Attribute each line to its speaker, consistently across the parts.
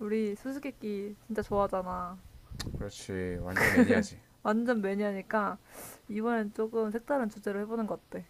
Speaker 1: 우리 수수께끼 진짜 좋아하잖아.
Speaker 2: 그렇지. 완전 매니아지.
Speaker 1: 완전 매니아니까 이번엔 조금 색다른 주제로 해보는 거 어때?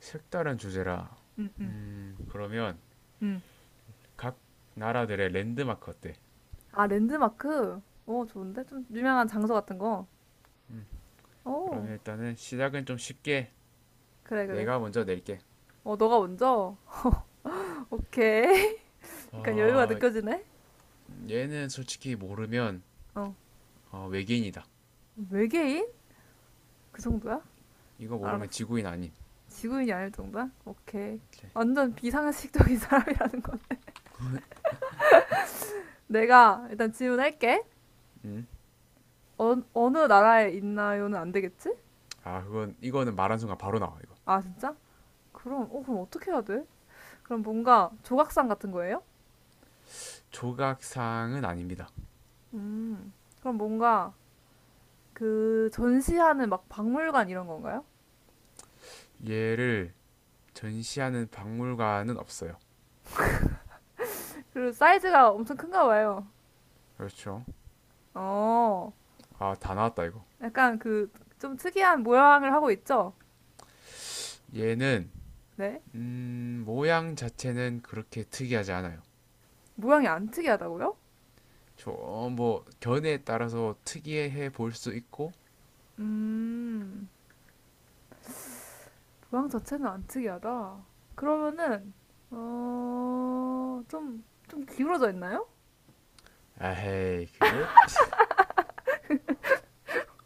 Speaker 2: 색다른 주제라.
Speaker 1: 응, 응,
Speaker 2: 그러면
Speaker 1: 응.
Speaker 2: 각 나라들의 랜드마크 어때?
Speaker 1: 아, 랜드마크? 어, 좋은데? 좀 유명한 장소 같은 거? 어,
Speaker 2: 그러면 일단은 시작은 좀 쉽게
Speaker 1: 그래, 그래.
Speaker 2: 내가 먼저 낼게.
Speaker 1: 어, 너가 먼저? 오케이. 약간 여유가
Speaker 2: 어,
Speaker 1: 느껴지네?
Speaker 2: 얘는 솔직히 모르면
Speaker 1: 어.
Speaker 2: 외계인이다.
Speaker 1: 외계인? 그 정도야?
Speaker 2: 이거 모르면
Speaker 1: 알았어.
Speaker 2: 지구인 아님.
Speaker 1: 지구인이 아닐 정도야? 오케이.
Speaker 2: 오케이.
Speaker 1: 완전 비상식적인 사람이라는 건. 내가 일단 질문할게. 어느 나라에 있나요는 안 되겠지?
Speaker 2: 아, 그건 이거는 말한 순간 바로 나와 이거.
Speaker 1: 아, 진짜? 그럼 어떻게 해야 돼? 그럼 뭔가 조각상 같은 거예요?
Speaker 2: 조각상은 아닙니다.
Speaker 1: 음, 그럼 뭔가 그 전시하는 막 박물관 이런 건가요?
Speaker 2: 얘를 전시하는 박물관은 없어요.
Speaker 1: 그리고 사이즈가 엄청 큰가 봐요.
Speaker 2: 그렇죠.
Speaker 1: 어,
Speaker 2: 아, 다 나왔다 이거.
Speaker 1: 약간 그 좀 특이한 모양을 하고 있죠?
Speaker 2: 얘는
Speaker 1: 네?
Speaker 2: 모양 자체는 그렇게 특이하지 않아요.
Speaker 1: 모양이 안 특이하다고요?
Speaker 2: 저뭐 견해에 따라서 특이해 볼 수 있고
Speaker 1: 음, 모양 자체는 안 특이하다. 그러면은, 어, 좀, 좀 기울어져 있나요?
Speaker 2: 에이 그게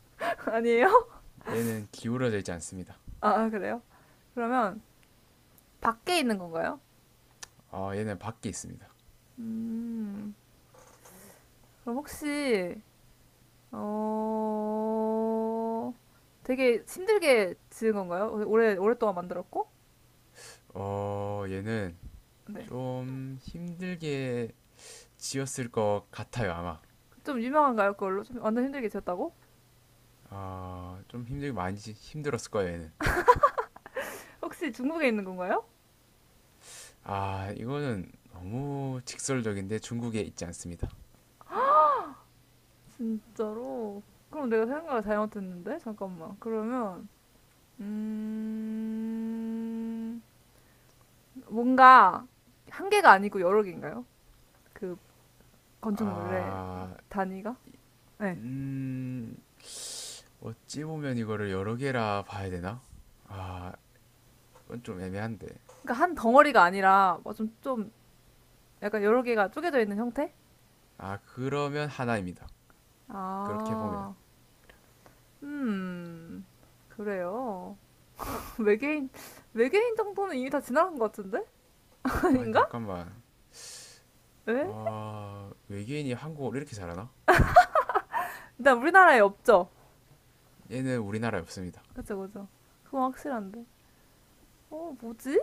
Speaker 1: 아니에요?
Speaker 2: 얘는 기울어져 있지 않습니다.
Speaker 1: 아, 그래요? 그러면 밖에 있는 건가요?
Speaker 2: 얘는 밖에 있습니다.
Speaker 1: 음, 그럼 혹시 어 되게 힘들게 지은 건가요? 오래 오랫동안 만들었고?
Speaker 2: 얘는
Speaker 1: 네.
Speaker 2: 좀 힘들게 지었을 것 같아요 아마.
Speaker 1: 좀 유명한가요? 그걸로 좀 완전 힘들게 지었다고?
Speaker 2: 아좀 힘들게 많이 힘들었을 거예요 얘는.
Speaker 1: 혹시 중국에 있는 건가요?
Speaker 2: 아 이거는 너무 직설적인데 중국에 있지 않습니다.
Speaker 1: 진짜로? 그럼 내가 생각을 잘못했는데 잠깐만. 그러면 음 뭔가 한 개가 아니고 여러 개인가요? 그 건축물의
Speaker 2: 아,
Speaker 1: 단위가? 네.
Speaker 2: 음. 어찌 보면 이거를 여러 개라 봐야 되나? 아, 이건 좀 애매한데.
Speaker 1: 그러니까 한 덩어리가 아니라 뭐 좀 약간 여러 개가 쪼개져 있는 형태?
Speaker 2: 아, 그러면 하나입니다. 그렇게 보면.
Speaker 1: 아. 음. 그래요. 외계인 외계인 정도는 이미 다 지나간 것 같은데?
Speaker 2: 아니,
Speaker 1: 아닌가?
Speaker 2: 잠깐만.
Speaker 1: 왜?
Speaker 2: 외계인이 한국어를 이렇게 잘하나?
Speaker 1: 일단 우리나라에 없죠.
Speaker 2: 얘는 우리나라에 없습니다.
Speaker 1: 그죠, 그죠. 그건 확실한데. 어, 뭐지?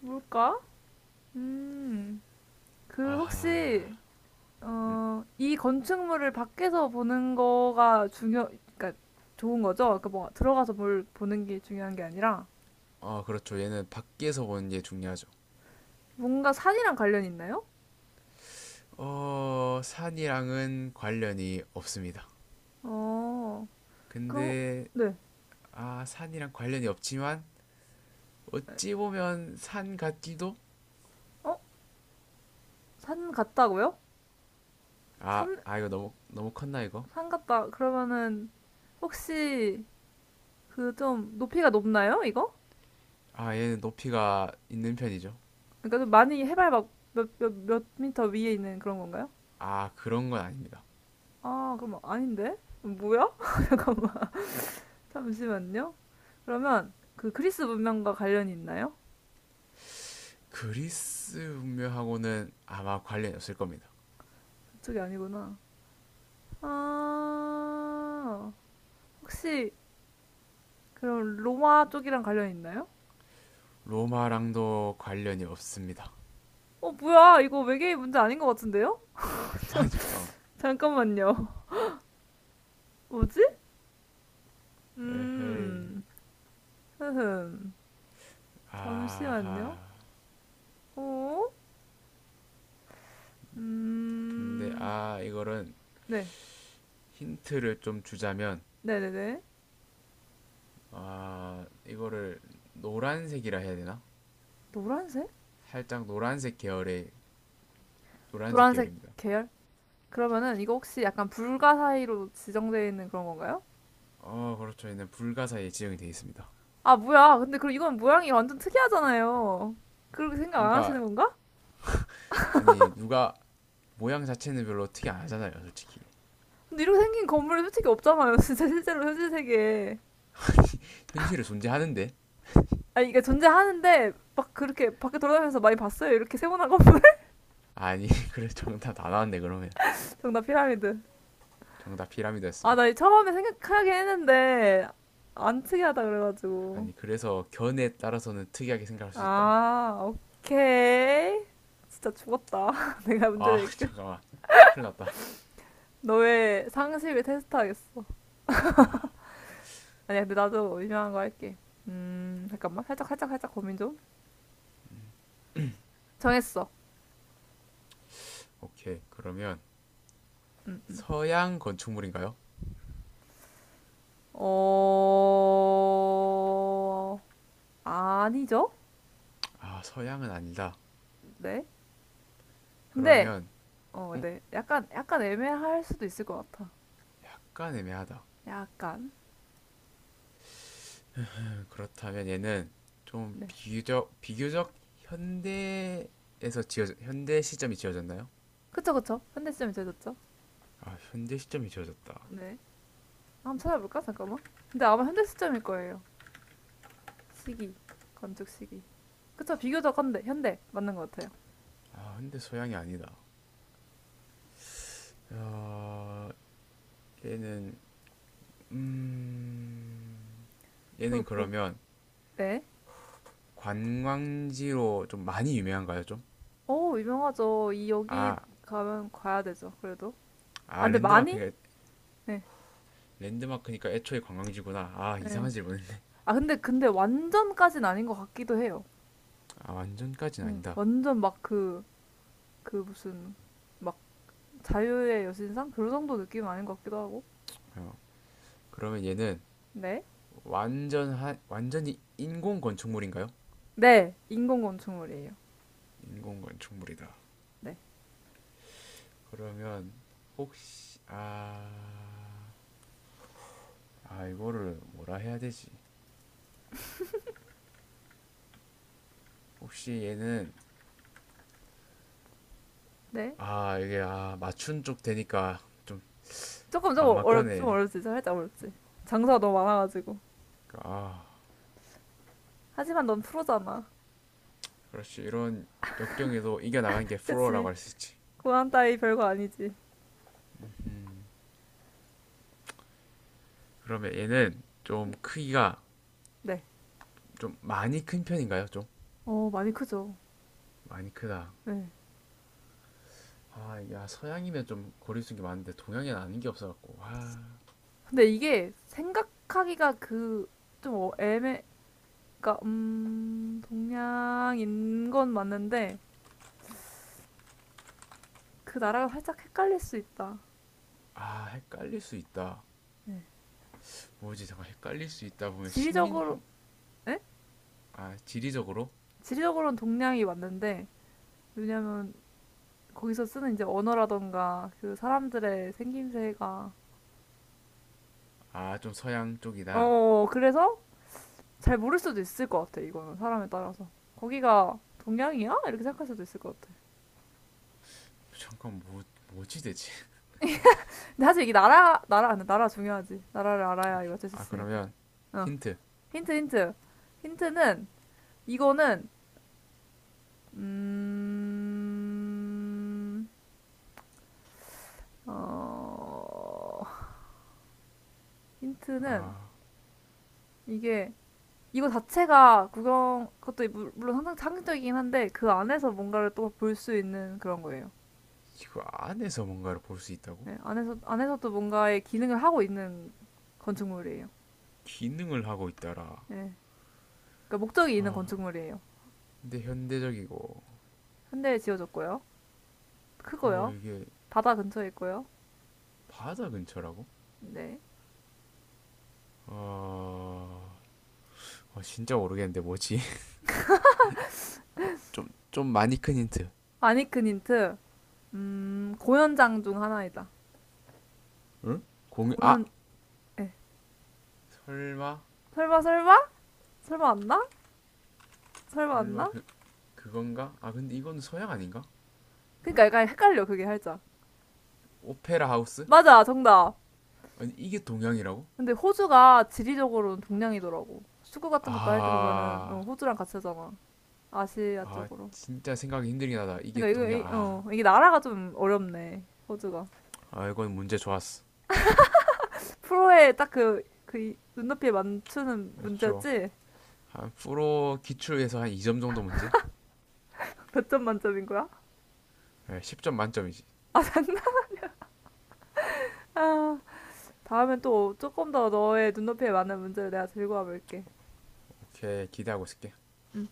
Speaker 1: 뭘까? 음. 그 혹시 이 건축물을 밖에서 보는 거가 중요 그러니까 좋은 거죠? 그러니까 뭐 들어가서 뭘 보는 게 중요한 게 아니라
Speaker 2: 어, 그렇죠. 얘는 밖에서 보는 게 중요하죠.
Speaker 1: 뭔가 산이랑 관련이 있나요?
Speaker 2: 어, 산이랑은 관련이 없습니다.
Speaker 1: 어. 그럼
Speaker 2: 근데,
Speaker 1: 네.
Speaker 2: 아, 산이랑 관련이 없지만, 어찌 보면 산 같기도?
Speaker 1: 어? 산 같다고요?
Speaker 2: 아,
Speaker 1: 삼,
Speaker 2: 아, 이거 너무, 너무 컸나, 이거?
Speaker 1: 삼 같다 그러면은 혹시 그 좀 높이가 높나요, 이거?
Speaker 2: 아, 얘는 높이가 있는 편이죠.
Speaker 1: 그러니까 좀 많이 해발 막 몇 미터 위에 있는 그런 건가요?
Speaker 2: 아, 그런 건 아닙니다.
Speaker 1: 아, 그럼 아닌데? 뭐야? 잠깐만. 잠시만요. 그러면 그 그리스 문명과 관련이 있나요?
Speaker 2: 그리스 문명하고는 아마 관련이 없을 겁니다.
Speaker 1: 그쪽이 아니구나. 아, 혹시 그럼 로마 쪽이랑 관련이 있나요?
Speaker 2: 로마랑도 관련이 없습니다.
Speaker 1: 뭐야. 이거 외계인 문제 아닌 것 같은데요?
Speaker 2: 아 잠깐만.
Speaker 1: 잠깐만요. 뭐지?
Speaker 2: 에헤이.
Speaker 1: 음, 흐흠.
Speaker 2: 아하.
Speaker 1: 잠시만요. 어?
Speaker 2: 근데
Speaker 1: 음.
Speaker 2: 이거는
Speaker 1: 네.
Speaker 2: 힌트를 좀 주자면
Speaker 1: 네네네.
Speaker 2: 이거를 노란색이라 해야 되나?
Speaker 1: 노란색?
Speaker 2: 살짝 노란색
Speaker 1: 노란색
Speaker 2: 계열입니다.
Speaker 1: 계열? 그러면은 이거 혹시 약간 불가 사이로 지정되어 있는 그런 건가요?
Speaker 2: 어 그렇죠. 얘는 불가사에 지정이 되어 있습니다.
Speaker 1: 아, 뭐야. 근데 그럼 이건 모양이 완전 특이하잖아요. 그렇게 생각 안
Speaker 2: 그러니까
Speaker 1: 하시는 건가?
Speaker 2: 아니 누가 모양 자체는 별로 특이 안 하잖아요, 솔직히.
Speaker 1: 근데 이렇게 생긴 건물이 솔직히 없잖아요. 진짜 실제로 현실 세계에.
Speaker 2: 현실에 존재하는데.
Speaker 1: 아니, 이게 존재하는데 막 그렇게 밖에 돌아다니면서 많이 봤어요. 이렇게 세모난 건물.
Speaker 2: 아니 그래 정답 다 나왔네 그러면.
Speaker 1: 정답 피라미드.
Speaker 2: 정답
Speaker 1: 아, 나
Speaker 2: 피라미드였습니다.
Speaker 1: 처음에 생각하긴 했는데 안 특이하다 그래가지고.
Speaker 2: 아니 그래서 견에 따라서는 특이하게 생각할 수 있다.
Speaker 1: 아, 오케이. 진짜 죽었다. 내가 문제
Speaker 2: 아
Speaker 1: 낼게.
Speaker 2: 잠깐만 큰일 났다.
Speaker 1: 너의 상식을 테스트하겠어.
Speaker 2: 아
Speaker 1: 아니야, 근데 나도 유명한 거 할게. 잠깐만. 살짝, 살짝, 살짝 고민 좀. 정했어.
Speaker 2: 오케이 그러면
Speaker 1: 음, 음.
Speaker 2: 서양 건축물인가요?
Speaker 1: 어, 아니죠?
Speaker 2: 아 서양은 아니다.
Speaker 1: 네. 근데,
Speaker 2: 그러면
Speaker 1: 어,
Speaker 2: 음,
Speaker 1: 네. 약간, 약간 애매할 수도 있을 것 같아.
Speaker 2: 약간 애매하다.
Speaker 1: 약간.
Speaker 2: 그렇다면 얘는 좀
Speaker 1: 네.
Speaker 2: 비교적 현대 시점이 지어졌나요?
Speaker 1: 그쵸, 그쵸. 현대 시점이 제졌죠?
Speaker 2: 아 현대 시점이 지어졌다.
Speaker 1: 네. 한번 찾아볼까? 잠깐만. 근데 아마 현대 시점일 거예요. 시기. 건축 시기. 그쵸, 비교적 현대, 현대 맞는 것 같아요.
Speaker 2: 아 근데 서양이 아니다. 야, 얘는 음 얘는
Speaker 1: 후,
Speaker 2: 그러면
Speaker 1: 네.
Speaker 2: 관광지로 좀 많이 유명한가요? 좀?
Speaker 1: 오, 유명하죠. 이 여기
Speaker 2: 아,
Speaker 1: 가면 가야 되죠. 그래도. 아,
Speaker 2: 아
Speaker 1: 근데 많이?
Speaker 2: 랜드마크니까
Speaker 1: 네,
Speaker 2: 랜드마크니까 애초에 관광지구나. 아
Speaker 1: 네.
Speaker 2: 이상한 질문인데.
Speaker 1: 아, 근데 완전까진 아닌 것 같기도 해요.
Speaker 2: 아 완전까지는
Speaker 1: 응.
Speaker 2: 아니다.
Speaker 1: 완전 막 그 무슨 막 자유의 여신상 그 정도 느낌은 아닌 것 같기도 하고.
Speaker 2: 어. 그러면 얘는
Speaker 1: 네,
Speaker 2: 완전히 인공 건축물인가요?
Speaker 1: 네, 인공 건축물이에요.
Speaker 2: 인공 건축물이다.
Speaker 1: 네,
Speaker 2: 그러면 혹시 아, 이거를 뭐라 해야 되지? 혹시 얘는
Speaker 1: 네.
Speaker 2: 아 이게 맞춘 쪽 되니까 좀
Speaker 1: 조금 조금 좀
Speaker 2: 막막하네.
Speaker 1: 어렵지, 살짝 어렵지. 장사가 너무 많아가지고.
Speaker 2: 아
Speaker 1: 하지만 넌 프로잖아.
Speaker 2: 그렇지. 이런 역경에도 이겨나가는 게
Speaker 1: 그치?
Speaker 2: 프로라고 할 수 있지.
Speaker 1: 고난 따위 별거 아니지.
Speaker 2: 그러면 얘는 좀 크기가
Speaker 1: 네.
Speaker 2: 좀 많이 큰 편인가요? 좀
Speaker 1: 어, 많이 크죠.
Speaker 2: 많이 크다.
Speaker 1: 네.
Speaker 2: 아, 야, 서양이면 좀 거리 있는 기 많은데 동양에는 아는 게 없어갖고.
Speaker 1: 근데 이게 생각하기가 그, 좀 어- 애매, 그니까, 동양인 건 맞는데, 그 나라가 살짝 헷갈릴 수 있다.
Speaker 2: 헷갈릴 수 있다.
Speaker 1: 네.
Speaker 2: 뭐지? 잠깐 헷갈릴 수 있다 보면 식민
Speaker 1: 지리적으로,
Speaker 2: 함,
Speaker 1: 에?
Speaker 2: 아, 지리적으로?
Speaker 1: 지리적으로는 동양이 맞는데, 왜냐면, 거기서 쓰는 이제 언어라던가, 그 사람들의 생김새가,
Speaker 2: 아, 좀 서양
Speaker 1: 어,
Speaker 2: 쪽이다.
Speaker 1: 어, 어, 그래서 잘 모를 수도 있을 것 같아, 이거는. 사람에 따라서. 거기가 동양이야? 이렇게 생각할 수도 있을 것 같아.
Speaker 2: 잠깐 뭐지 대체?
Speaker 1: 근데 사실 이게 나라, 나라, 안 돼. 나라 중요하지. 나라를 알아야 이거 어쩔 수
Speaker 2: 아,
Speaker 1: 있으니까.
Speaker 2: 그러면
Speaker 1: 어.
Speaker 2: 힌트.
Speaker 1: 힌트, 힌트. 힌트는, 이거는, 음, 어, 힌트는, 이게, 이거 자체가 구경, 그것도 물론 항상 상징적이긴 한데, 그 안에서 뭔가를 또 볼 수 있는 그런 거예요.
Speaker 2: 이거 안에서 뭔가를 볼 수 있다고?
Speaker 1: 네, 안에서, 안에서도 뭔가의 기능을 하고 있는 건축물이에요.
Speaker 2: 기능을 하고 있다라.
Speaker 1: 네. 그러니까 목적이 있는 건축물이에요.
Speaker 2: 근데 현대적이고
Speaker 1: 현대에 지어졌고요. 크고요.
Speaker 2: 이게
Speaker 1: 바다 근처에 있고요.
Speaker 2: 바다 근처라고?
Speaker 1: 네.
Speaker 2: 어, 진짜 모르겠는데 뭐지? 좀 많이 큰 힌트.
Speaker 1: 아니큰 힌트. 공연장 중 하나이다.
Speaker 2: 응? 공유, 아!
Speaker 1: 공연, 예.
Speaker 2: 설마?
Speaker 1: 설마, 설마? 설마 안 나? 설마 안
Speaker 2: 설마
Speaker 1: 나?
Speaker 2: 그건가? 아, 근데 이건 서양 아닌가?
Speaker 1: 그러니까 약간 헷갈려, 그게 살짝.
Speaker 2: 오페라 하우스?
Speaker 1: 맞아, 정답.
Speaker 2: 아니, 이게 동양이라고?
Speaker 1: 근데 호주가 지리적으로는 동양이더라고. 축구 같은 것도 할 때 보면은,
Speaker 2: 아,
Speaker 1: 호주랑 같이 하잖아. 아시아 쪽으로.
Speaker 2: 진짜 생각이 힘들긴 하다. 이게
Speaker 1: 그러니까
Speaker 2: 동양, 아.
Speaker 1: 이게 나라가 좀 어렵네, 호주가.
Speaker 2: 아, 이건 문제 좋았어.
Speaker 1: 프로에 딱 눈높이에 맞추는
Speaker 2: 그렇죠.
Speaker 1: 문제였지?
Speaker 2: 한 프로 기출에서 한 2점 정도 문제?
Speaker 1: 몇 점 만점인 거야?
Speaker 2: 네, 10점 만점이지.
Speaker 1: 장난, 아. 다음엔 또 조금 더 너의 눈높이에 맞는 문제를 내가 들고 와볼게.
Speaker 2: 오케이, 기대하고 있을게.
Speaker 1: 음.